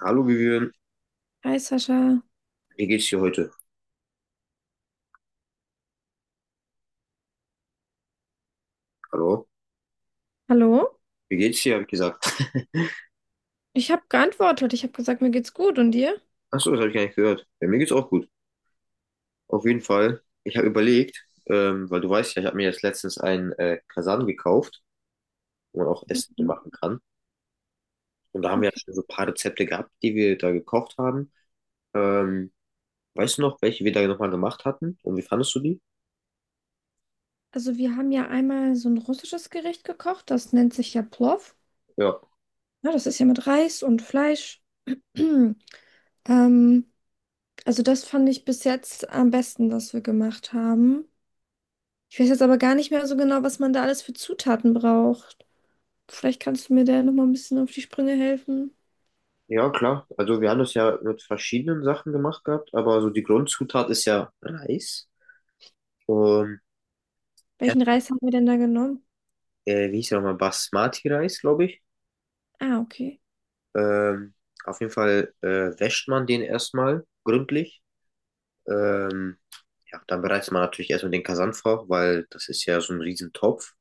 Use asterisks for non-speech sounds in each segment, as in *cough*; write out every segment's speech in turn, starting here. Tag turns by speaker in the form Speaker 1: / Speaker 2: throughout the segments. Speaker 1: Hallo Vivian,
Speaker 2: Hi Sascha,
Speaker 1: wie geht's dir heute? Hallo?
Speaker 2: hallo?
Speaker 1: Wie geht's dir, habe ich gesagt. *laughs*
Speaker 2: Ich habe geantwortet. Ich habe gesagt, mir geht's gut und dir?
Speaker 1: Achso, das habe ich gar nicht gehört. Ja, mir geht's auch gut. Auf jeden Fall. Ich habe überlegt, weil du weißt ja, ich habe mir jetzt letztens einen Kasan gekauft, wo man auch Essen
Speaker 2: Mhm.
Speaker 1: machen kann. Und da haben wir ja
Speaker 2: Okay.
Speaker 1: schon so ein paar Rezepte gehabt, die wir da gekocht haben. Ähm, Weißt du noch, welche wir da nochmal gemacht hatten? Und wie fandest du die?
Speaker 2: Also wir haben ja einmal so ein russisches Gericht gekocht, das nennt sich ja Plov.
Speaker 1: Ja.
Speaker 2: Ja, das ist ja mit Reis und Fleisch. *clears throat* Ähm, also das fand ich bis jetzt am besten, was wir gemacht haben. Ich weiß jetzt aber gar nicht mehr so genau, was man da alles für Zutaten braucht. Vielleicht kannst du mir da nochmal ein bisschen auf die Sprünge helfen.
Speaker 1: Ja, klar. Also wir haben das ja mit verschiedenen Sachen gemacht gehabt, aber so die Grundzutat ist ja Reis. Und
Speaker 2: Welchen Reis haben wir denn da genommen?
Speaker 1: wie hieß der nochmal? Basmati-Reis, glaube ich.
Speaker 2: Ah, okay.
Speaker 1: Ähm, auf jeden Fall wäscht man den erstmal gründlich. Ähm, ja, dann bereitet man natürlich erstmal den Kasan vor, weil das ist ja so ein Riesentopf.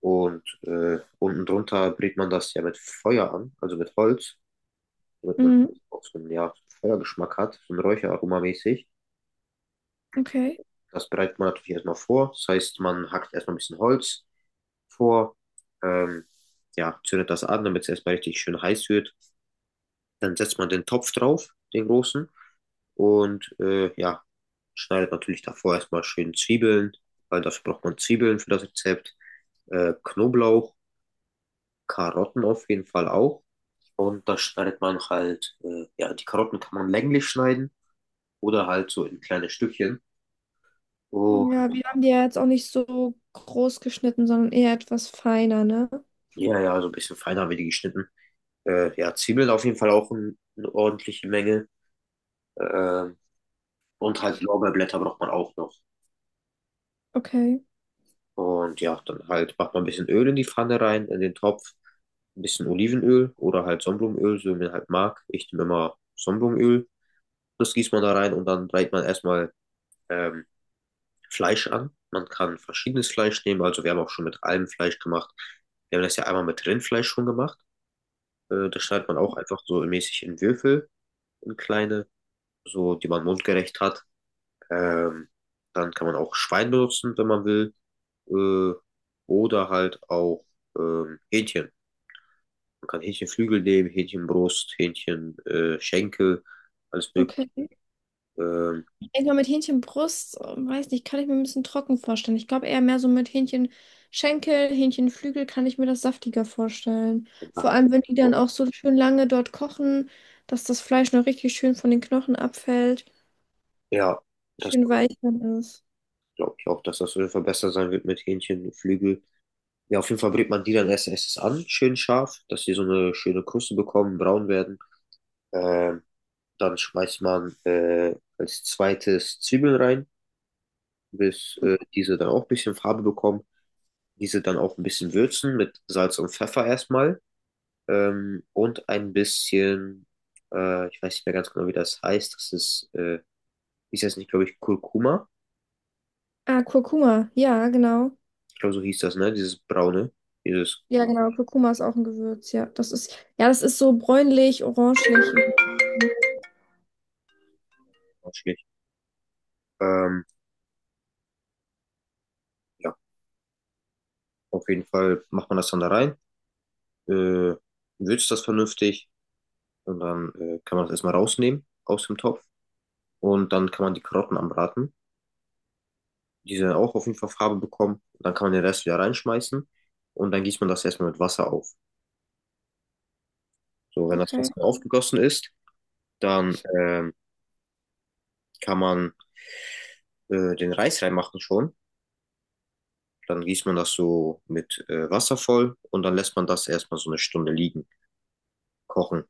Speaker 1: Und unten drunter brät man das ja mit Feuer an, also mit Holz, damit man
Speaker 2: Mhm,
Speaker 1: auch so einen ja, Feuergeschmack hat, so ein Räucheraroma mäßig.
Speaker 2: okay.
Speaker 1: Das bereitet man natürlich erstmal vor. Das heißt, man hackt erstmal ein bisschen Holz vor, ähm, ja, zündet das an, damit es erstmal richtig schön heiß wird. Dann setzt man den Topf drauf, den großen. Und ja, schneidet natürlich davor erstmal schön Zwiebeln, weil dafür braucht man Zwiebeln für das Rezept. Knoblauch, Karotten auf jeden Fall auch. Und das schneidet man halt, ja, die Karotten kann man länglich schneiden oder halt so in kleine Stückchen. Und
Speaker 2: Ja, wir haben die ja jetzt auch nicht so groß geschnitten, sondern eher etwas feiner, ne?
Speaker 1: ja, ja, so ein bisschen feiner wie die geschnitten. Ja, Zwiebeln auf jeden Fall auch eine ordentliche Menge. Ähm, und halt Lorbeerblätter braucht man auch noch.
Speaker 2: Okay,
Speaker 1: Und ja, dann halt macht man ein bisschen Öl in die Pfanne rein, in den Topf, ein bisschen Olivenöl oder halt Sonnenblumenöl, so wie man halt mag. Ich nehme immer Sonnenblumenöl. Das gießt man da rein und dann brät man erstmal ähm, Fleisch an. Man kann verschiedenes Fleisch nehmen, also wir haben auch schon mit allem Fleisch gemacht. Wir haben das ja einmal mit Rindfleisch schon gemacht. Das schneidet man auch einfach so mäßig in Würfel, in kleine, so die man mundgerecht hat. Ähm, Dann kann man auch Schwein benutzen, wenn man will. äh, oder halt auch Hähnchen. Man kann Hähnchenflügel nehmen, Hähnchenbrust, Hähnchen, Schenkel, alles mögliche.
Speaker 2: okay.
Speaker 1: Ähm,
Speaker 2: Ich denke mal, mit Hähnchenbrust, weiß nicht, kann ich mir ein bisschen trocken vorstellen. Ich glaube eher mehr so mit Hähnchenschenkel, Hähnchenflügel kann ich mir das saftiger vorstellen. Vor allem, wenn die dann auch so schön lange dort kochen, dass das Fleisch noch richtig schön von den Knochen abfällt,
Speaker 1: ja, das
Speaker 2: schön weich dann ist.
Speaker 1: glaube ich auch, dass das auf jeden Fall besser sein wird mit Hähnchenflügel. Ja, auf jeden Fall brät man die dann erst an, schön scharf, dass die so eine schöne Kruste bekommen, braun werden. Ähm, Dann schmeißt man als zweites Zwiebeln rein, bis diese dann auch ein bisschen Farbe bekommen. Diese dann auch ein bisschen würzen mit Salz und Pfeffer erstmal. Und ein bisschen, ich weiß nicht mehr ganz genau, wie das heißt. Das ist jetzt nicht, glaube ich, Kurkuma.
Speaker 2: Ah, Kurkuma, ja, genau.
Speaker 1: Ich glaube, so hieß das, ne? Dieses braune, dieses
Speaker 2: Ja, genau, Kurkuma ist auch ein Gewürz, ja. Das ist, ja, das ist so bräunlich, orangelich.
Speaker 1: schlecht. Ähm, ja, auf jeden Fall macht man das dann da rein, äh, würzt das vernünftig und dann kann man das erstmal rausnehmen aus dem Topf und dann kann man die Karotten anbraten. Die dann auch auf jeden Fall Farbe bekommen. Dann kann man den Rest wieder reinschmeißen und dann gießt man das erstmal mit Wasser auf. So, wenn das
Speaker 2: Okay.
Speaker 1: Wasser aufgegossen ist, dann kann man den Reis reinmachen schon. Dann gießt man das so mit Wasser voll und dann lässt man das erstmal so eine Stunde liegen, kochen.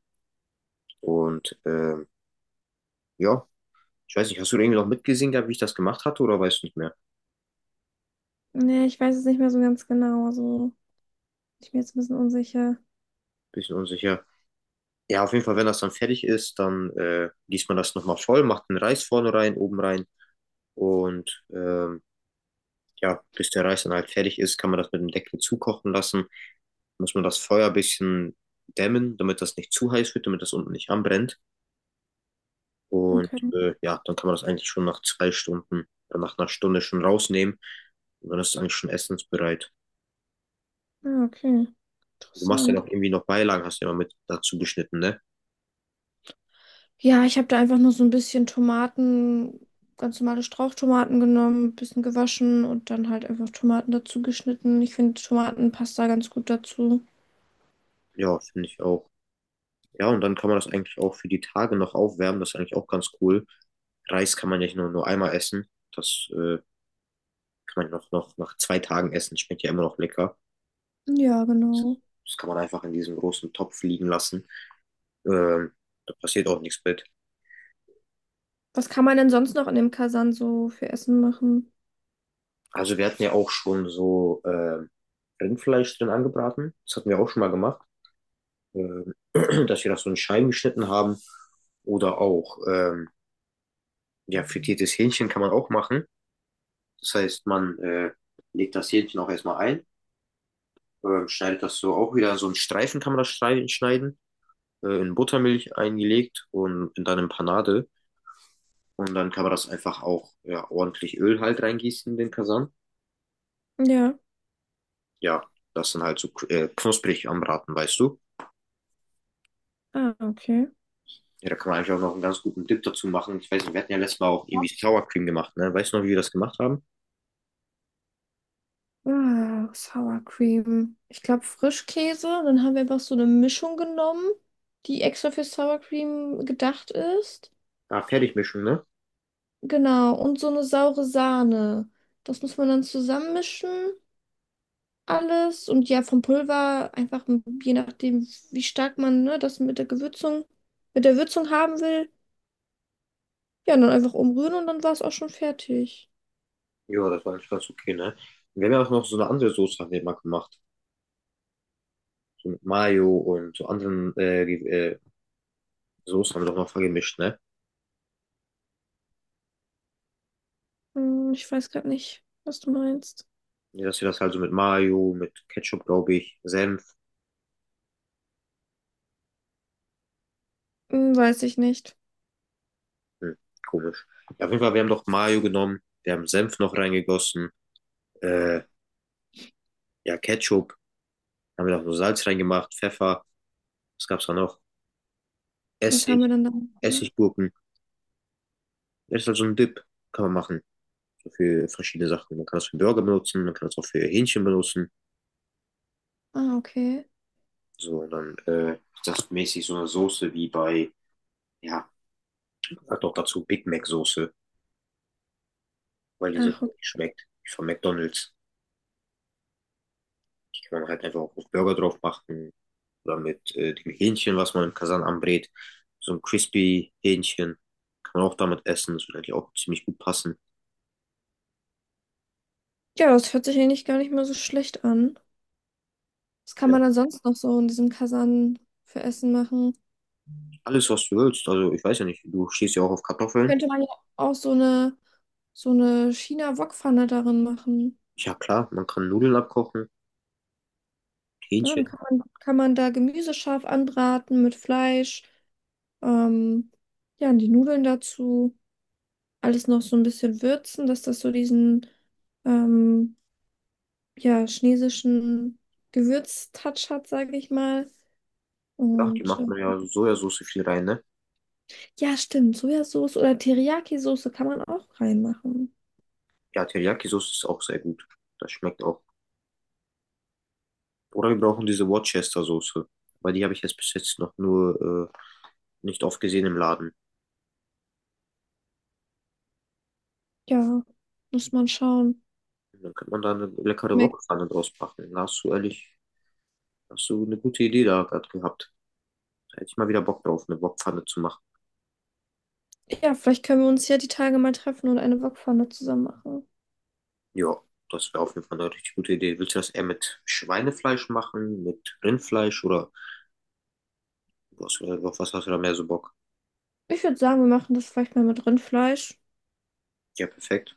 Speaker 1: Und ja, ich weiß nicht, hast du irgendwie noch mitgesehen gehabt, wie ich das gemacht hatte oder weißt du nicht mehr?
Speaker 2: Nee, ich weiß es nicht mehr so ganz genau. Also, ich bin jetzt ein bisschen unsicher.
Speaker 1: Bisschen unsicher. Ja, auf jeden Fall, wenn das dann fertig ist, dann gießt man das nochmal voll, macht den Reis vorne rein, oben rein und ja, bis der Reis dann halt fertig ist, kann man das mit dem Deckel zukochen lassen. Muss man das Feuer ein bisschen dämmen, damit das nicht zu heiß wird, damit das unten nicht anbrennt. Und
Speaker 2: Okay.
Speaker 1: ja, dann kann man das eigentlich schon nach 2 Stunden oder nach einer Stunde schon rausnehmen. Und dann ist es eigentlich schon essensbereit.
Speaker 2: Ah, okay.
Speaker 1: Du machst ja
Speaker 2: Interessant.
Speaker 1: noch irgendwie noch Beilagen, hast du ja immer mit dazu geschnitten, ne?
Speaker 2: Ja, ich habe da einfach nur so ein bisschen Tomaten, ganz normale Strauchtomaten genommen, ein bisschen gewaschen und dann halt einfach Tomaten dazu geschnitten. Ich finde Tomatenpasta ganz gut dazu.
Speaker 1: Ja, finde ich auch. Ja, und dann kann man das eigentlich auch für die Tage noch aufwärmen. Das ist eigentlich auch ganz cool. Reis kann man ja nicht nur einmal essen. Das kann man noch nach 2 Tagen essen. Schmeckt ja immer noch lecker.
Speaker 2: Ja, genau.
Speaker 1: Das kann man einfach in diesem großen Topf liegen lassen. Ähm, Da passiert auch nichts mit.
Speaker 2: Was kann man denn sonst noch in dem Kasan so für Essen machen?
Speaker 1: Also wir hatten ja auch schon so Rindfleisch drin angebraten. Das hatten wir auch schon mal gemacht, ähm, *clears throat* dass wir das so in Scheiben geschnitten haben. Oder auch ja, frittiertes Hähnchen kann man auch machen. Das heißt, man legt das Hähnchen auch erstmal ein, schneidet das so auch wieder so in Streifen kann man das schneiden, in Buttermilch eingelegt und in dann in Panade. Und dann kann man das einfach auch ja, ordentlich Öl halt reingießen in den Kasan.
Speaker 2: Ja.
Speaker 1: Ja, das dann halt so knusprig anbraten, weißt du?
Speaker 2: Ah, okay.
Speaker 1: Ja, da kann man eigentlich auch noch einen ganz guten Dip dazu machen. Ich weiß nicht, wir hatten ja letztes Mal auch irgendwie Sour Cream gemacht, ne? Weißt du noch, wie wir das gemacht haben?
Speaker 2: Ah, Sour Cream. Ich glaube Frischkäse. Dann haben wir einfach so eine Mischung genommen, die extra für Sour Cream gedacht ist.
Speaker 1: Ah, Fertigmischung, ne?
Speaker 2: Genau, und so eine saure Sahne. Das muss man dann zusammenmischen, alles. Und ja, vom Pulver einfach, je nachdem, wie stark man, ne, das mit der Gewürzung, mit der Würzung haben will. Ja, und dann einfach umrühren und dann war es auch schon fertig.
Speaker 1: Ja, das war eigentlich ganz okay, ne? Wir haben ja auch noch so eine andere Soße haben wir mal gemacht. So mit Mayo und so anderen Soßen haben wir doch noch vergemischt, ne?
Speaker 2: Hm, ich weiß gerade nicht, was du meinst.
Speaker 1: Ja, dass wir das halt so mit Mayo, mit Ketchup, glaube ich, Senf.
Speaker 2: Hm, weiß ich nicht.
Speaker 1: Hm, komisch. Ja, auf jeden Fall, wir haben doch Mayo genommen, wir haben Senf noch reingegossen, äh, ja, Ketchup, haben wir noch so Salz reingemacht, Pfeffer, was gab's da noch?
Speaker 2: Was
Speaker 1: Essig,
Speaker 2: haben wir dann da gemacht?
Speaker 1: Essiggurken. Ist halt so ein Dip, kann man machen. So für verschiedene Sachen. Man kann es für Burger benutzen, man kann es auch für Hähnchen benutzen.
Speaker 2: Ah, okay.
Speaker 1: So, und dann ist das mäßig so eine Soße wie bei, ja, hat auch dazu Big Mac Soße, weil die so
Speaker 2: Ach.
Speaker 1: ähnlich schmeckt wie von McDonald's. Die kann man halt einfach auch auf Burger drauf machen oder mit dem Hähnchen, was man im Kasan anbrät. So ein crispy Hähnchen kann man auch damit essen. Das würde eigentlich auch ziemlich gut passen.
Speaker 2: Ja, das hört sich eigentlich gar nicht mal so schlecht an. Was kann
Speaker 1: Ja.
Speaker 2: man dann sonst noch so in diesem Kasan für Essen machen?
Speaker 1: Alles, was du willst. Also ich weiß ja nicht, du stehst ja auch auf Kartoffeln.
Speaker 2: Könnte man ja auch so eine China-Wokpfanne darin machen.
Speaker 1: Ja klar, man kann Nudeln abkochen,
Speaker 2: Ja, dann
Speaker 1: Hähnchen.
Speaker 2: kann man da Gemüse scharf anbraten mit Fleisch. Ähm, ja, und die Nudeln dazu. Alles noch so ein bisschen würzen, dass das so diesen ähm, ja, chinesischen Gewürztouch hat, sage ich mal.
Speaker 1: Ja, die
Speaker 2: Und
Speaker 1: macht man ja Sojasauce viel rein, ne?
Speaker 2: ja, stimmt. Sojasauce oder Teriyaki-Soße kann man auch reinmachen.
Speaker 1: Ja, Teriyaki-Soße ist auch sehr gut. Das schmeckt auch. Oder wir brauchen diese Worcester-Soße. Weil die habe ich jetzt bis jetzt noch nur nicht oft gesehen im Laden.
Speaker 2: Ja, muss man schauen.
Speaker 1: Dann könnte man da eine leckere
Speaker 2: Merk-
Speaker 1: Wokpfanne draus machen. Da hast du ehrlich, hast du eine gute Idee da gerade gehabt. Da hätte ich mal wieder Bock drauf, eine Wokpfanne zu machen.
Speaker 2: Ja, vielleicht können wir uns ja die Tage mal treffen und eine Wokpfanne zusammen machen.
Speaker 1: Ja, das wäre auf jeden Fall eine richtig gute Idee. Willst du das eher mit Schweinefleisch machen, mit Rindfleisch oder was, auf was hast du da mehr so Bock?
Speaker 2: Ich würde sagen, wir machen das vielleicht mal mit Rindfleisch.
Speaker 1: Ja, perfekt.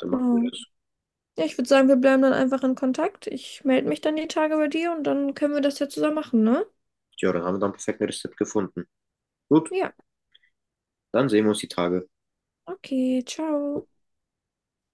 Speaker 1: Dann machen wir das.
Speaker 2: Ja, ich würde sagen, wir bleiben dann einfach in Kontakt. Ich melde mich dann die Tage bei dir und dann können wir das ja zusammen machen, ne?
Speaker 1: Ja, dann haben wir dann perfekt ein Rezept gefunden. Gut.
Speaker 2: Ja,
Speaker 1: Dann sehen wir uns die Tage.
Speaker 2: okay, ciao.